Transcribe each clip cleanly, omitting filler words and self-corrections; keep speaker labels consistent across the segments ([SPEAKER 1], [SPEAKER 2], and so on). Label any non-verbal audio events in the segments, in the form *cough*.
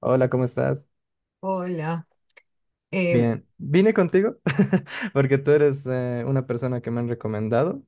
[SPEAKER 1] Hola, ¿cómo estás?
[SPEAKER 2] Hola, eh,
[SPEAKER 1] Bien, vine contigo *laughs* porque tú eres una persona que me han recomendado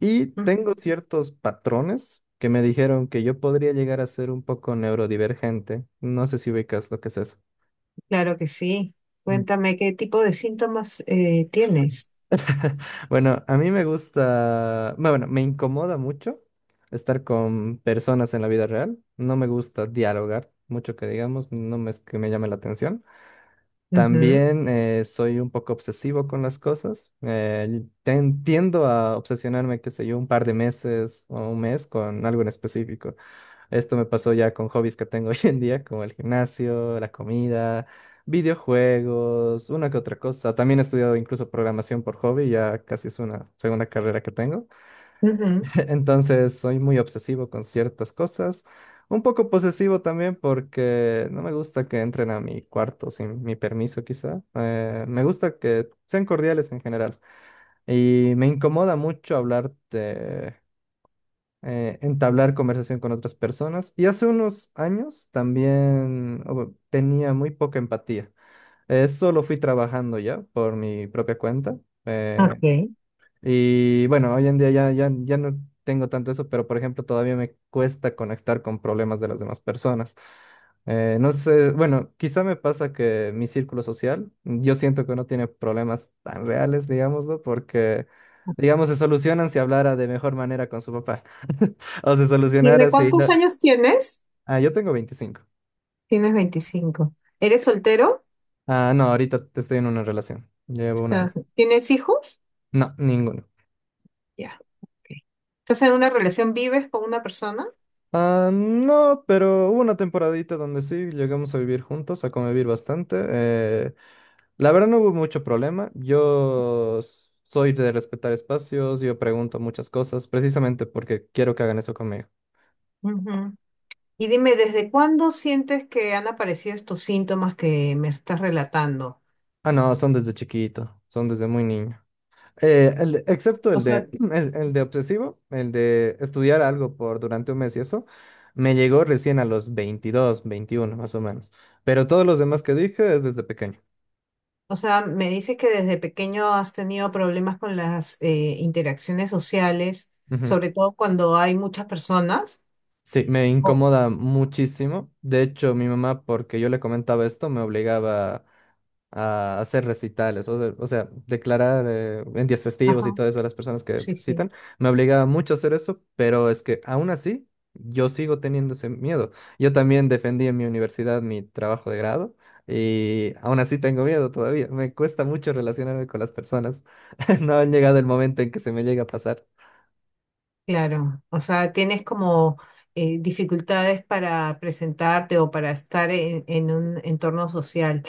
[SPEAKER 1] y tengo
[SPEAKER 2] ujú,
[SPEAKER 1] ciertos patrones que me dijeron que yo podría llegar a ser un poco neurodivergente. No sé si ubicas lo que es eso.
[SPEAKER 2] claro que sí.
[SPEAKER 1] Mm.
[SPEAKER 2] Cuéntame qué tipo de síntomas tienes.
[SPEAKER 1] *laughs* Bueno, a mí me gusta, bueno, me incomoda mucho estar con personas en la vida real. No me gusta dialogar mucho que digamos, no me es que me llame la atención.
[SPEAKER 2] Ujú,
[SPEAKER 1] También soy un poco obsesivo con las cosas. Tiendo a obsesionarme, qué sé yo, un par de meses o un mes con algo en específico. Esto me pasó ya con hobbies que tengo *laughs* hoy en día, como el gimnasio, la comida, videojuegos, una que otra cosa. También he estudiado incluso programación por hobby, ya casi es una segunda carrera que tengo.
[SPEAKER 2] ujú,
[SPEAKER 1] *laughs* Entonces soy muy obsesivo con ciertas cosas, un poco posesivo también porque no me gusta que entren a mi cuarto sin mi permiso quizá. Me gusta que sean cordiales en general y me incomoda mucho entablar conversación con otras personas. Y hace unos años también oh, tenía muy poca empatía. Eso lo fui trabajando ya por mi propia cuenta. Eh,
[SPEAKER 2] ok.
[SPEAKER 1] y bueno, hoy en día ya, ya, ya no tengo tanto eso, pero por ejemplo todavía me cuesta conectar con problemas de las demás personas. No sé, bueno, quizá me pasa que mi círculo social, yo siento que no tiene problemas tan reales, digámoslo, porque, digamos, se solucionan si hablara de mejor manera con su papá. *laughs* O se solucionara
[SPEAKER 2] Dime,
[SPEAKER 1] si
[SPEAKER 2] ¿cuántos
[SPEAKER 1] no-
[SPEAKER 2] años tienes?
[SPEAKER 1] Ah, yo tengo 25.
[SPEAKER 2] Tienes 25. ¿Eres soltero?
[SPEAKER 1] Ah, no, ahorita estoy en una relación. Llevo un año.
[SPEAKER 2] Estás, ¿tienes hijos?
[SPEAKER 1] No, ninguno.
[SPEAKER 2] Ya, ok. ¿Estás en una relación? ¿Vives con una persona?
[SPEAKER 1] Ah, no, pero hubo una temporadita donde sí llegamos a vivir juntos, a convivir bastante. La verdad no hubo mucho problema. Yo soy de respetar espacios, yo pregunto muchas cosas, precisamente porque quiero que hagan eso conmigo.
[SPEAKER 2] Ujú. Y dime, ¿desde cuándo sientes que han aparecido estos síntomas que me estás relatando?
[SPEAKER 1] Ah, no, son desde chiquito, son desde muy niño. Excepto
[SPEAKER 2] O
[SPEAKER 1] el
[SPEAKER 2] sea,
[SPEAKER 1] de, *clears throat* el de obsesivo, el de estudiar algo por durante un mes y eso, me llegó recién a los 22, 21 más o menos. Pero todos los demás que dije es desde pequeño.
[SPEAKER 2] O sea, me dices que desde pequeño has tenido problemas con las interacciones sociales, sobre todo cuando hay muchas personas.
[SPEAKER 1] Sí, me
[SPEAKER 2] Oh.
[SPEAKER 1] incomoda muchísimo. De hecho, mi mamá, porque yo le comentaba esto, me obligaba a hacer recitales, declarar en días festivos
[SPEAKER 2] Ajá,
[SPEAKER 1] y todo eso a las personas que
[SPEAKER 2] sí, sí,
[SPEAKER 1] recitan. Me obligaba mucho a hacer eso, pero es que aún así yo sigo teniendo ese miedo. Yo también defendí en mi universidad mi trabajo de grado y aún así tengo miedo todavía. Me cuesta mucho relacionarme con las personas. *laughs* No ha llegado el momento en que se me llegue a pasar.
[SPEAKER 2] claro. O sea, tienes como dificultades para presentarte o para estar en un entorno social.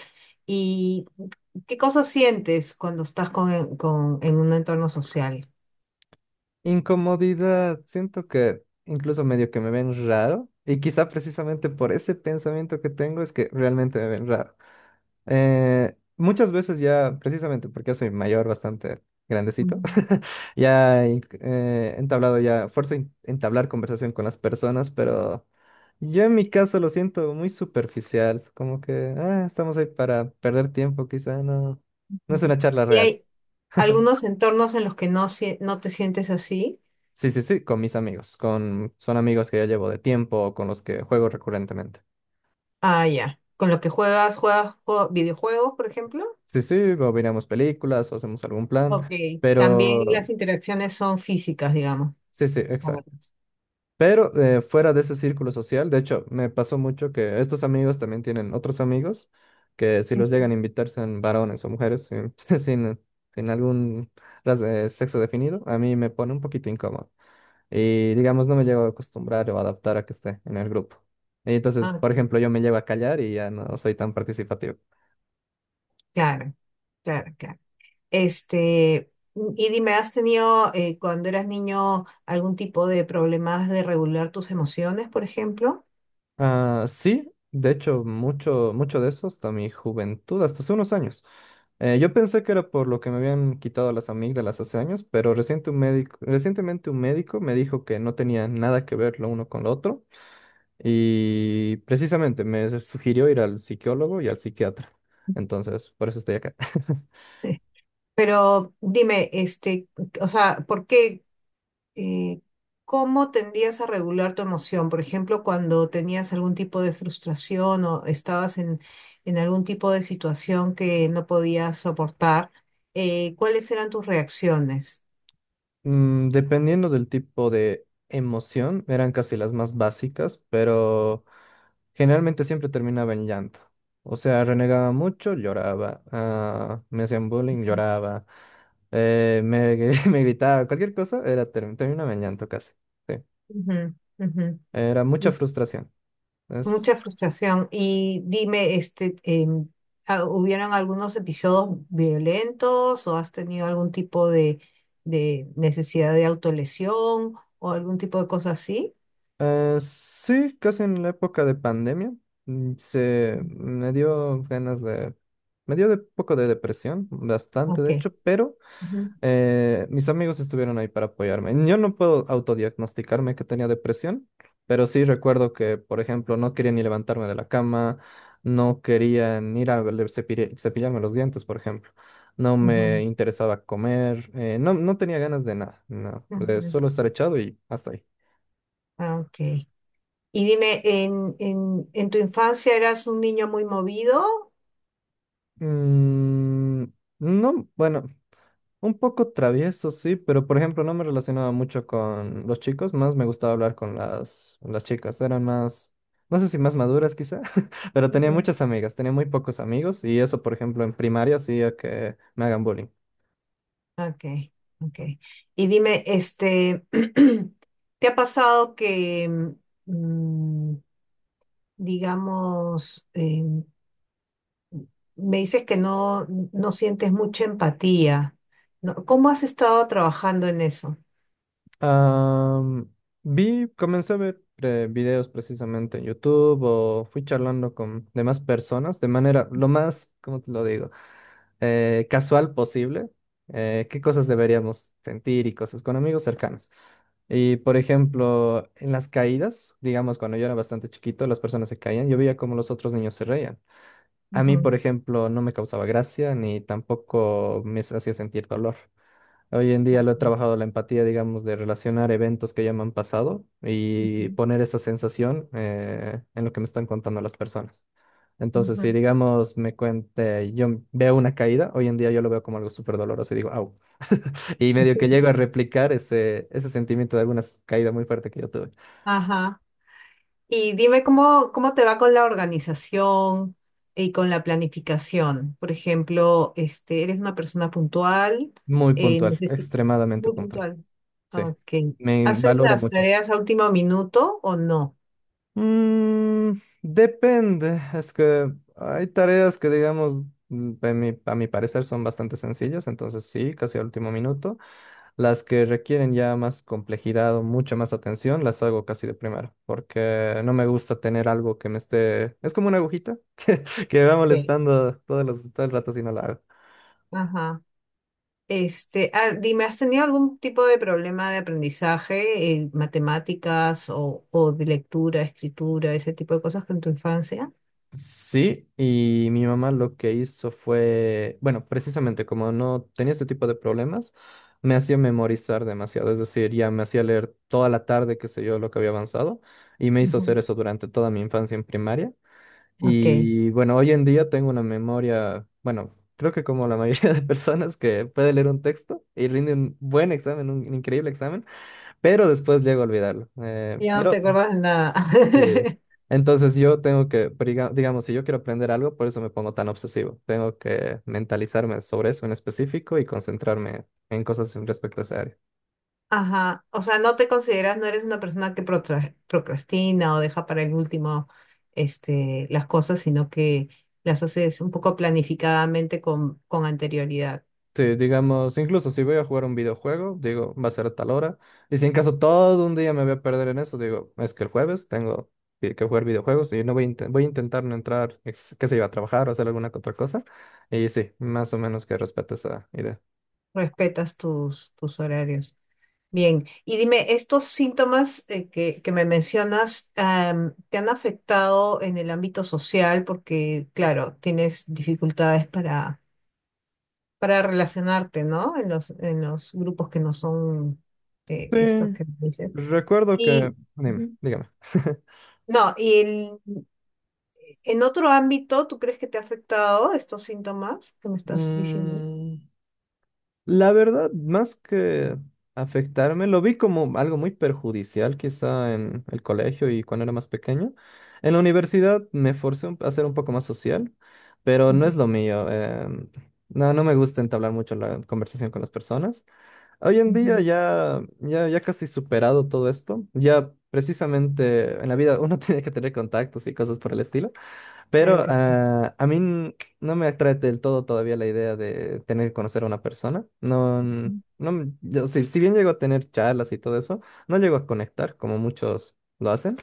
[SPEAKER 2] ¿Y qué cosas sientes cuando estás con- en un entorno social?
[SPEAKER 1] Incomodidad, siento que incluso medio que me ven raro y quizá precisamente por ese pensamiento que tengo es que realmente me ven raro. Muchas veces ya, precisamente porque yo soy mayor, bastante
[SPEAKER 2] Ujú,
[SPEAKER 1] grandecito, *laughs* ya he entablado ya, fuerzo entablar conversación con las personas, pero yo en mi caso lo siento muy superficial, es como que ah, estamos ahí para perder tiempo, quizá no, no
[SPEAKER 2] ujú.
[SPEAKER 1] es una charla
[SPEAKER 2] ¿Y
[SPEAKER 1] real.
[SPEAKER 2] hay algunos entornos en los que sie- no te sientes así?
[SPEAKER 1] Sí, sí, sí, con mis amigos, con son amigos que ya llevo de tiempo, con los que juego recurrentemente.
[SPEAKER 2] Ah, ya. Con lo que juegas, juegas jue- videojuegos, por ejemplo.
[SPEAKER 1] Sí, sí, o miramos películas o hacemos algún
[SPEAKER 2] Ok.
[SPEAKER 1] plan,
[SPEAKER 2] También
[SPEAKER 1] pero
[SPEAKER 2] las interacciones son físicas, digamos.
[SPEAKER 1] sí, sí,
[SPEAKER 2] Como-
[SPEAKER 1] exacto. Pero fuera de ese círculo social, de hecho, me pasó mucho que estos amigos también tienen otros amigos que si los llegan a
[SPEAKER 2] ujú.
[SPEAKER 1] invitar sean varones o mujeres, sin, *laughs* sin algún sexo definido, a mí me pone un poquito incómodo. Y digamos, no me llego a acostumbrar o adaptar a que esté en el grupo. Y entonces,
[SPEAKER 2] Ah,
[SPEAKER 1] por ejemplo,
[SPEAKER 2] ok.
[SPEAKER 1] yo me llevo a callar y ya no soy tan participativo.
[SPEAKER 2] Claro, claro, claro. Este, y dime, ¿has tenido cuando eras niño algún tipo de problemas de regular tus emociones, por ejemplo?
[SPEAKER 1] Ah, sí, de hecho, mucho, mucho de eso hasta mi juventud, hasta hace unos años. Yo pensé que era por lo que me habían quitado las amígdalas hace años, pero recientemente un médico me dijo que no tenía nada que ver lo uno con lo otro y precisamente me sugirió ir al psicólogo y al psiquiatra. Entonces, por eso estoy acá. *laughs*
[SPEAKER 2] Sí. Pero dime, este, o sea, ¿por qué, eh, cómo tendías a regular tu emoción? Por ejemplo, cuando tenías algún tipo de frustración o estabas en algún tipo de situación que no podías soportar, ¿cuáles eran tus reacciones?
[SPEAKER 1] Mm, dependiendo del tipo de emoción, eran casi las más básicas, pero generalmente siempre terminaba en llanto. O sea, renegaba mucho, lloraba. Ah, me hacían bullying, lloraba. *laughs* Me gritaba, cualquier cosa, era terminaba en llanto casi. Sí.
[SPEAKER 2] Ujú, ujú.
[SPEAKER 1] Era
[SPEAKER 2] Y-
[SPEAKER 1] mucha frustración. Es-
[SPEAKER 2] mucha frustración. Y dime, este, ¿hubieron algunos episodios violentos o has tenido algún tipo de necesidad de autolesión o algún tipo de cosa así?
[SPEAKER 1] sí, casi en la época de pandemia, mm, se me dio ganas de... Me dio de poco de depresión, bastante
[SPEAKER 2] Ok.
[SPEAKER 1] de hecho, pero...
[SPEAKER 2] Ujú,
[SPEAKER 1] Mis amigos estuvieron ahí para apoyarme. Yo no puedo autodiagnosticarme que tenía depresión, pero sí recuerdo que, por ejemplo, no quería ni levantarme de la cama, no quería ni ir a cepillarme los dientes, por ejemplo. No me
[SPEAKER 2] ujú,
[SPEAKER 1] interesaba comer, no, no tenía ganas de nada, no, de
[SPEAKER 2] ujú.
[SPEAKER 1] solo estar echado y hasta ahí.
[SPEAKER 2] Ah, ok. Y dime, en tu infancia eras un niño muy movido?
[SPEAKER 1] Mm, no, bueno, un poco travieso, sí, pero por ejemplo no me relacionaba mucho con los chicos, más me gustaba hablar con las chicas, eran más, no sé si más maduras quizá, *laughs* pero tenía
[SPEAKER 2] Ujú.
[SPEAKER 1] muchas amigas, tenía muy pocos amigos y eso por ejemplo en primaria hacía que me hagan bullying.
[SPEAKER 2] Ok, ok. Y dime, este, *clears throat* ¿te ha pasado que... mm, digamos, me dices que no sientes mucha empatía. ¿No? ¿Cómo has estado trabajando en eso?
[SPEAKER 1] Am, Comencé a ver videos precisamente en YouTube o fui charlando con demás personas de manera lo más, ¿cómo te lo digo? Casual posible, qué cosas deberíamos sentir y cosas con amigos cercanos. Y por ejemplo, en las caídas, digamos, cuando yo era bastante chiquito, las personas se caían, yo veía cómo los otros niños se reían. A mí,
[SPEAKER 2] Ujú,
[SPEAKER 1] por ejemplo, no me causaba gracia ni tampoco me hacía sentir dolor. Hoy en día lo he trabajado la empatía, digamos, de relacionar eventos que ya me han pasado y
[SPEAKER 2] ujú,
[SPEAKER 1] poner esa sensación en lo que me están contando las personas. Entonces,
[SPEAKER 2] ujú.
[SPEAKER 1] si digamos, me cuente, yo veo una caída, hoy en día yo lo veo como algo súper doloroso y digo, au. Y medio que llego a replicar ese sentimiento de alguna caída muy fuerte que yo tuve.
[SPEAKER 2] Ajá. Y dime cómo, cómo te va con la organización y con la planificación. Por ejemplo, este, ¿eres una persona puntual?
[SPEAKER 1] Muy
[SPEAKER 2] Eh,
[SPEAKER 1] puntual,
[SPEAKER 2] necesi-
[SPEAKER 1] extremadamente
[SPEAKER 2] Muy
[SPEAKER 1] puntual.
[SPEAKER 2] puntual.
[SPEAKER 1] Sí,
[SPEAKER 2] Ok.
[SPEAKER 1] me
[SPEAKER 2] ¿Haces
[SPEAKER 1] valoro
[SPEAKER 2] las
[SPEAKER 1] mucho eso.
[SPEAKER 2] tareas a último minuto o no?
[SPEAKER 1] Mm, depende, es que hay tareas que, digamos, a mi parecer son bastante sencillas, entonces sí, casi al último minuto. Las que requieren ya más complejidad o mucha más atención, las hago casi de primero, porque no me gusta tener algo que me esté... Es como una agujita *laughs* que me va
[SPEAKER 2] Ok.
[SPEAKER 1] molestando todo el rato si no la hago.
[SPEAKER 2] Ajá. Este, dime, ¿has tenido algún tipo de problema de aprendizaje en matemáticas o de lectura, escritura, ese tipo de cosas con tu infancia?
[SPEAKER 1] Sí, y mi mamá lo que hizo fue, bueno, precisamente como no tenía este tipo de problemas, me hacía memorizar demasiado, es decir, ya me hacía leer toda la tarde, qué sé yo, lo que había avanzado, y me hizo
[SPEAKER 2] Ujú.
[SPEAKER 1] hacer eso durante toda mi infancia en primaria.
[SPEAKER 2] Ok,
[SPEAKER 1] Y bueno, hoy en día tengo una memoria, bueno, creo que como la mayoría *laughs* de personas que puede leer un texto y rinde un buen examen, un increíble examen, pero después llego a olvidarlo. Eh,
[SPEAKER 2] ya no te
[SPEAKER 1] pero
[SPEAKER 2] acuerdas de nada.
[SPEAKER 1] sí.
[SPEAKER 2] *laughs*
[SPEAKER 1] Entonces yo tengo que, digamos, si yo quiero aprender algo, por eso me pongo tan obsesivo. Tengo que mentalizarme sobre eso en específico y concentrarme en cosas respecto a esa área.
[SPEAKER 2] Ajá, o sea, no te consideras, no eres una persona que protra- procrastina o deja para el último, este, las cosas, sino que las haces un poco planificadamente con anterioridad.
[SPEAKER 1] Sí, digamos, incluso si voy a jugar un videojuego, digo, va a ser a tal hora. Y si en caso todo un día me voy a perder en eso, digo, es que el jueves tengo que jugar videojuegos y no voy a intentar no entrar, qué sé yo, a trabajar o hacer alguna que otra cosa. Y sí, más o menos que respeto esa idea.
[SPEAKER 2] Respetas tus, tus horarios. Bien, y dime, ¿estos síntomas que me mencionas am, te han afectado en el ámbito social? Porque, claro, tienes dificultades para relacionarte, ¿no? En en los grupos que no son
[SPEAKER 1] Sí,
[SPEAKER 2] estos que me dices.
[SPEAKER 1] recuerdo que...
[SPEAKER 2] Y,
[SPEAKER 1] Dime,
[SPEAKER 2] ujú.
[SPEAKER 1] dígame. *laughs*
[SPEAKER 2] No, y el- en otro ámbito, ¿tú crees que te ha afectado estos síntomas que me estás diciendo?
[SPEAKER 1] Mm, la verdad, más que afectarme, lo vi como algo muy perjudicial quizá en el colegio y cuando era más pequeño. En la universidad me forcé a ser un poco más social, pero no
[SPEAKER 2] Ujú,
[SPEAKER 1] es lo mío. No, no me gusta entablar mucho la conversación con las personas. Hoy en día
[SPEAKER 2] ujú,
[SPEAKER 1] ya, ya, ya casi superado todo esto. Ya precisamente en la vida uno *laughs* tiene que tener contactos y cosas por el estilo.
[SPEAKER 2] claro
[SPEAKER 1] Pero
[SPEAKER 2] que sí.
[SPEAKER 1] a mí no me atrae del todo todavía la idea de tener que conocer a una persona. No,
[SPEAKER 2] Ujú,
[SPEAKER 1] no, yo, si bien llego a tener charlas y todo eso, no llego a conectar como muchos lo hacen.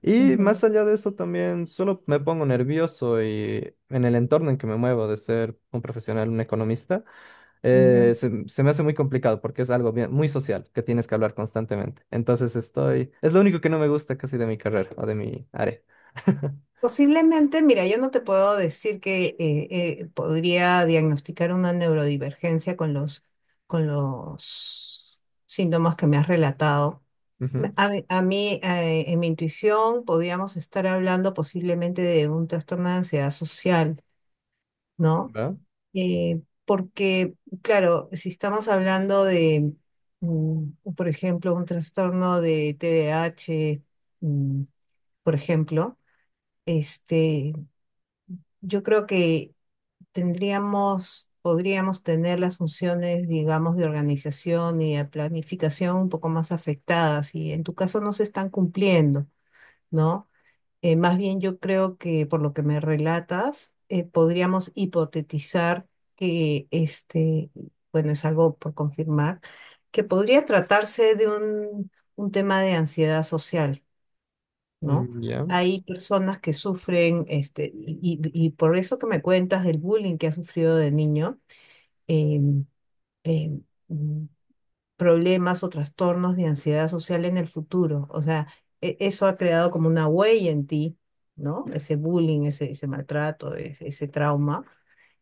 [SPEAKER 1] Y
[SPEAKER 2] ujú,
[SPEAKER 1] más allá de eso también solo me pongo nervioso y en el entorno en que me muevo de ser un profesional, un economista,
[SPEAKER 2] ujú.
[SPEAKER 1] se me hace muy complicado porque es algo muy social que tienes que hablar constantemente. Entonces estoy, es lo único que no me gusta casi de mi carrera o de mi área. *laughs*
[SPEAKER 2] Posiblemente, mira, yo no te puedo decir que podría diagnosticar una neurodivergencia con con los síntomas que me has relatado.
[SPEAKER 1] Ujú,
[SPEAKER 2] A mí, en mi intuición, podíamos estar hablando posiblemente de un trastorno de ansiedad social, ¿no?
[SPEAKER 1] ¿va?
[SPEAKER 2] Porque, claro, si estamos hablando de, mm, por ejemplo, un trastorno de TDAH, mm, por ejemplo, este yo creo que tendríamos, podríamos tener las funciones, digamos, de organización y de planificación un poco más afectadas y en tu caso no se están cumpliendo, ¿no? Más bien yo creo que por lo que me relatas, podríamos hipotetizar que este, bueno, es algo por confirmar, que podría tratarse de un tema de ansiedad social. ¿No?
[SPEAKER 1] Mm, ya,
[SPEAKER 2] Hay personas que sufren, este, y por eso que me cuentas del bullying que has sufrido de niño, em, em, mm, problemas o trastornos de ansiedad social en el futuro. O sea, e- eso ha creado como una huella en ti, ¿no? Ese bullying, ese maltrato, ese trauma.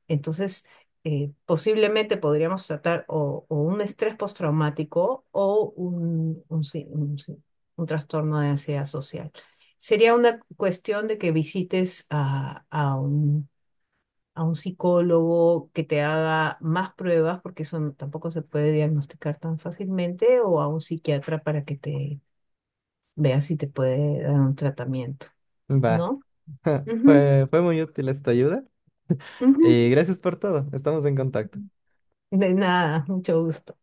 [SPEAKER 2] Entonces, posiblemente podríamos tratar o un estrés postraumático o un trastorno de ansiedad social. Sería una cuestión de que visites a un psicólogo que te haga más pruebas, porque eso no- tampoco se puede diagnosticar tan fácilmente, o a un psiquiatra para que te vea si te puede dar un tratamiento,
[SPEAKER 1] va.
[SPEAKER 2] ¿no?
[SPEAKER 1] *laughs*
[SPEAKER 2] Ujú,
[SPEAKER 1] Fue muy útil esta ayuda.
[SPEAKER 2] ujú.
[SPEAKER 1] Y gracias por todo. Estamos en contacto.
[SPEAKER 2] De nada, *laughs* mucho gusto.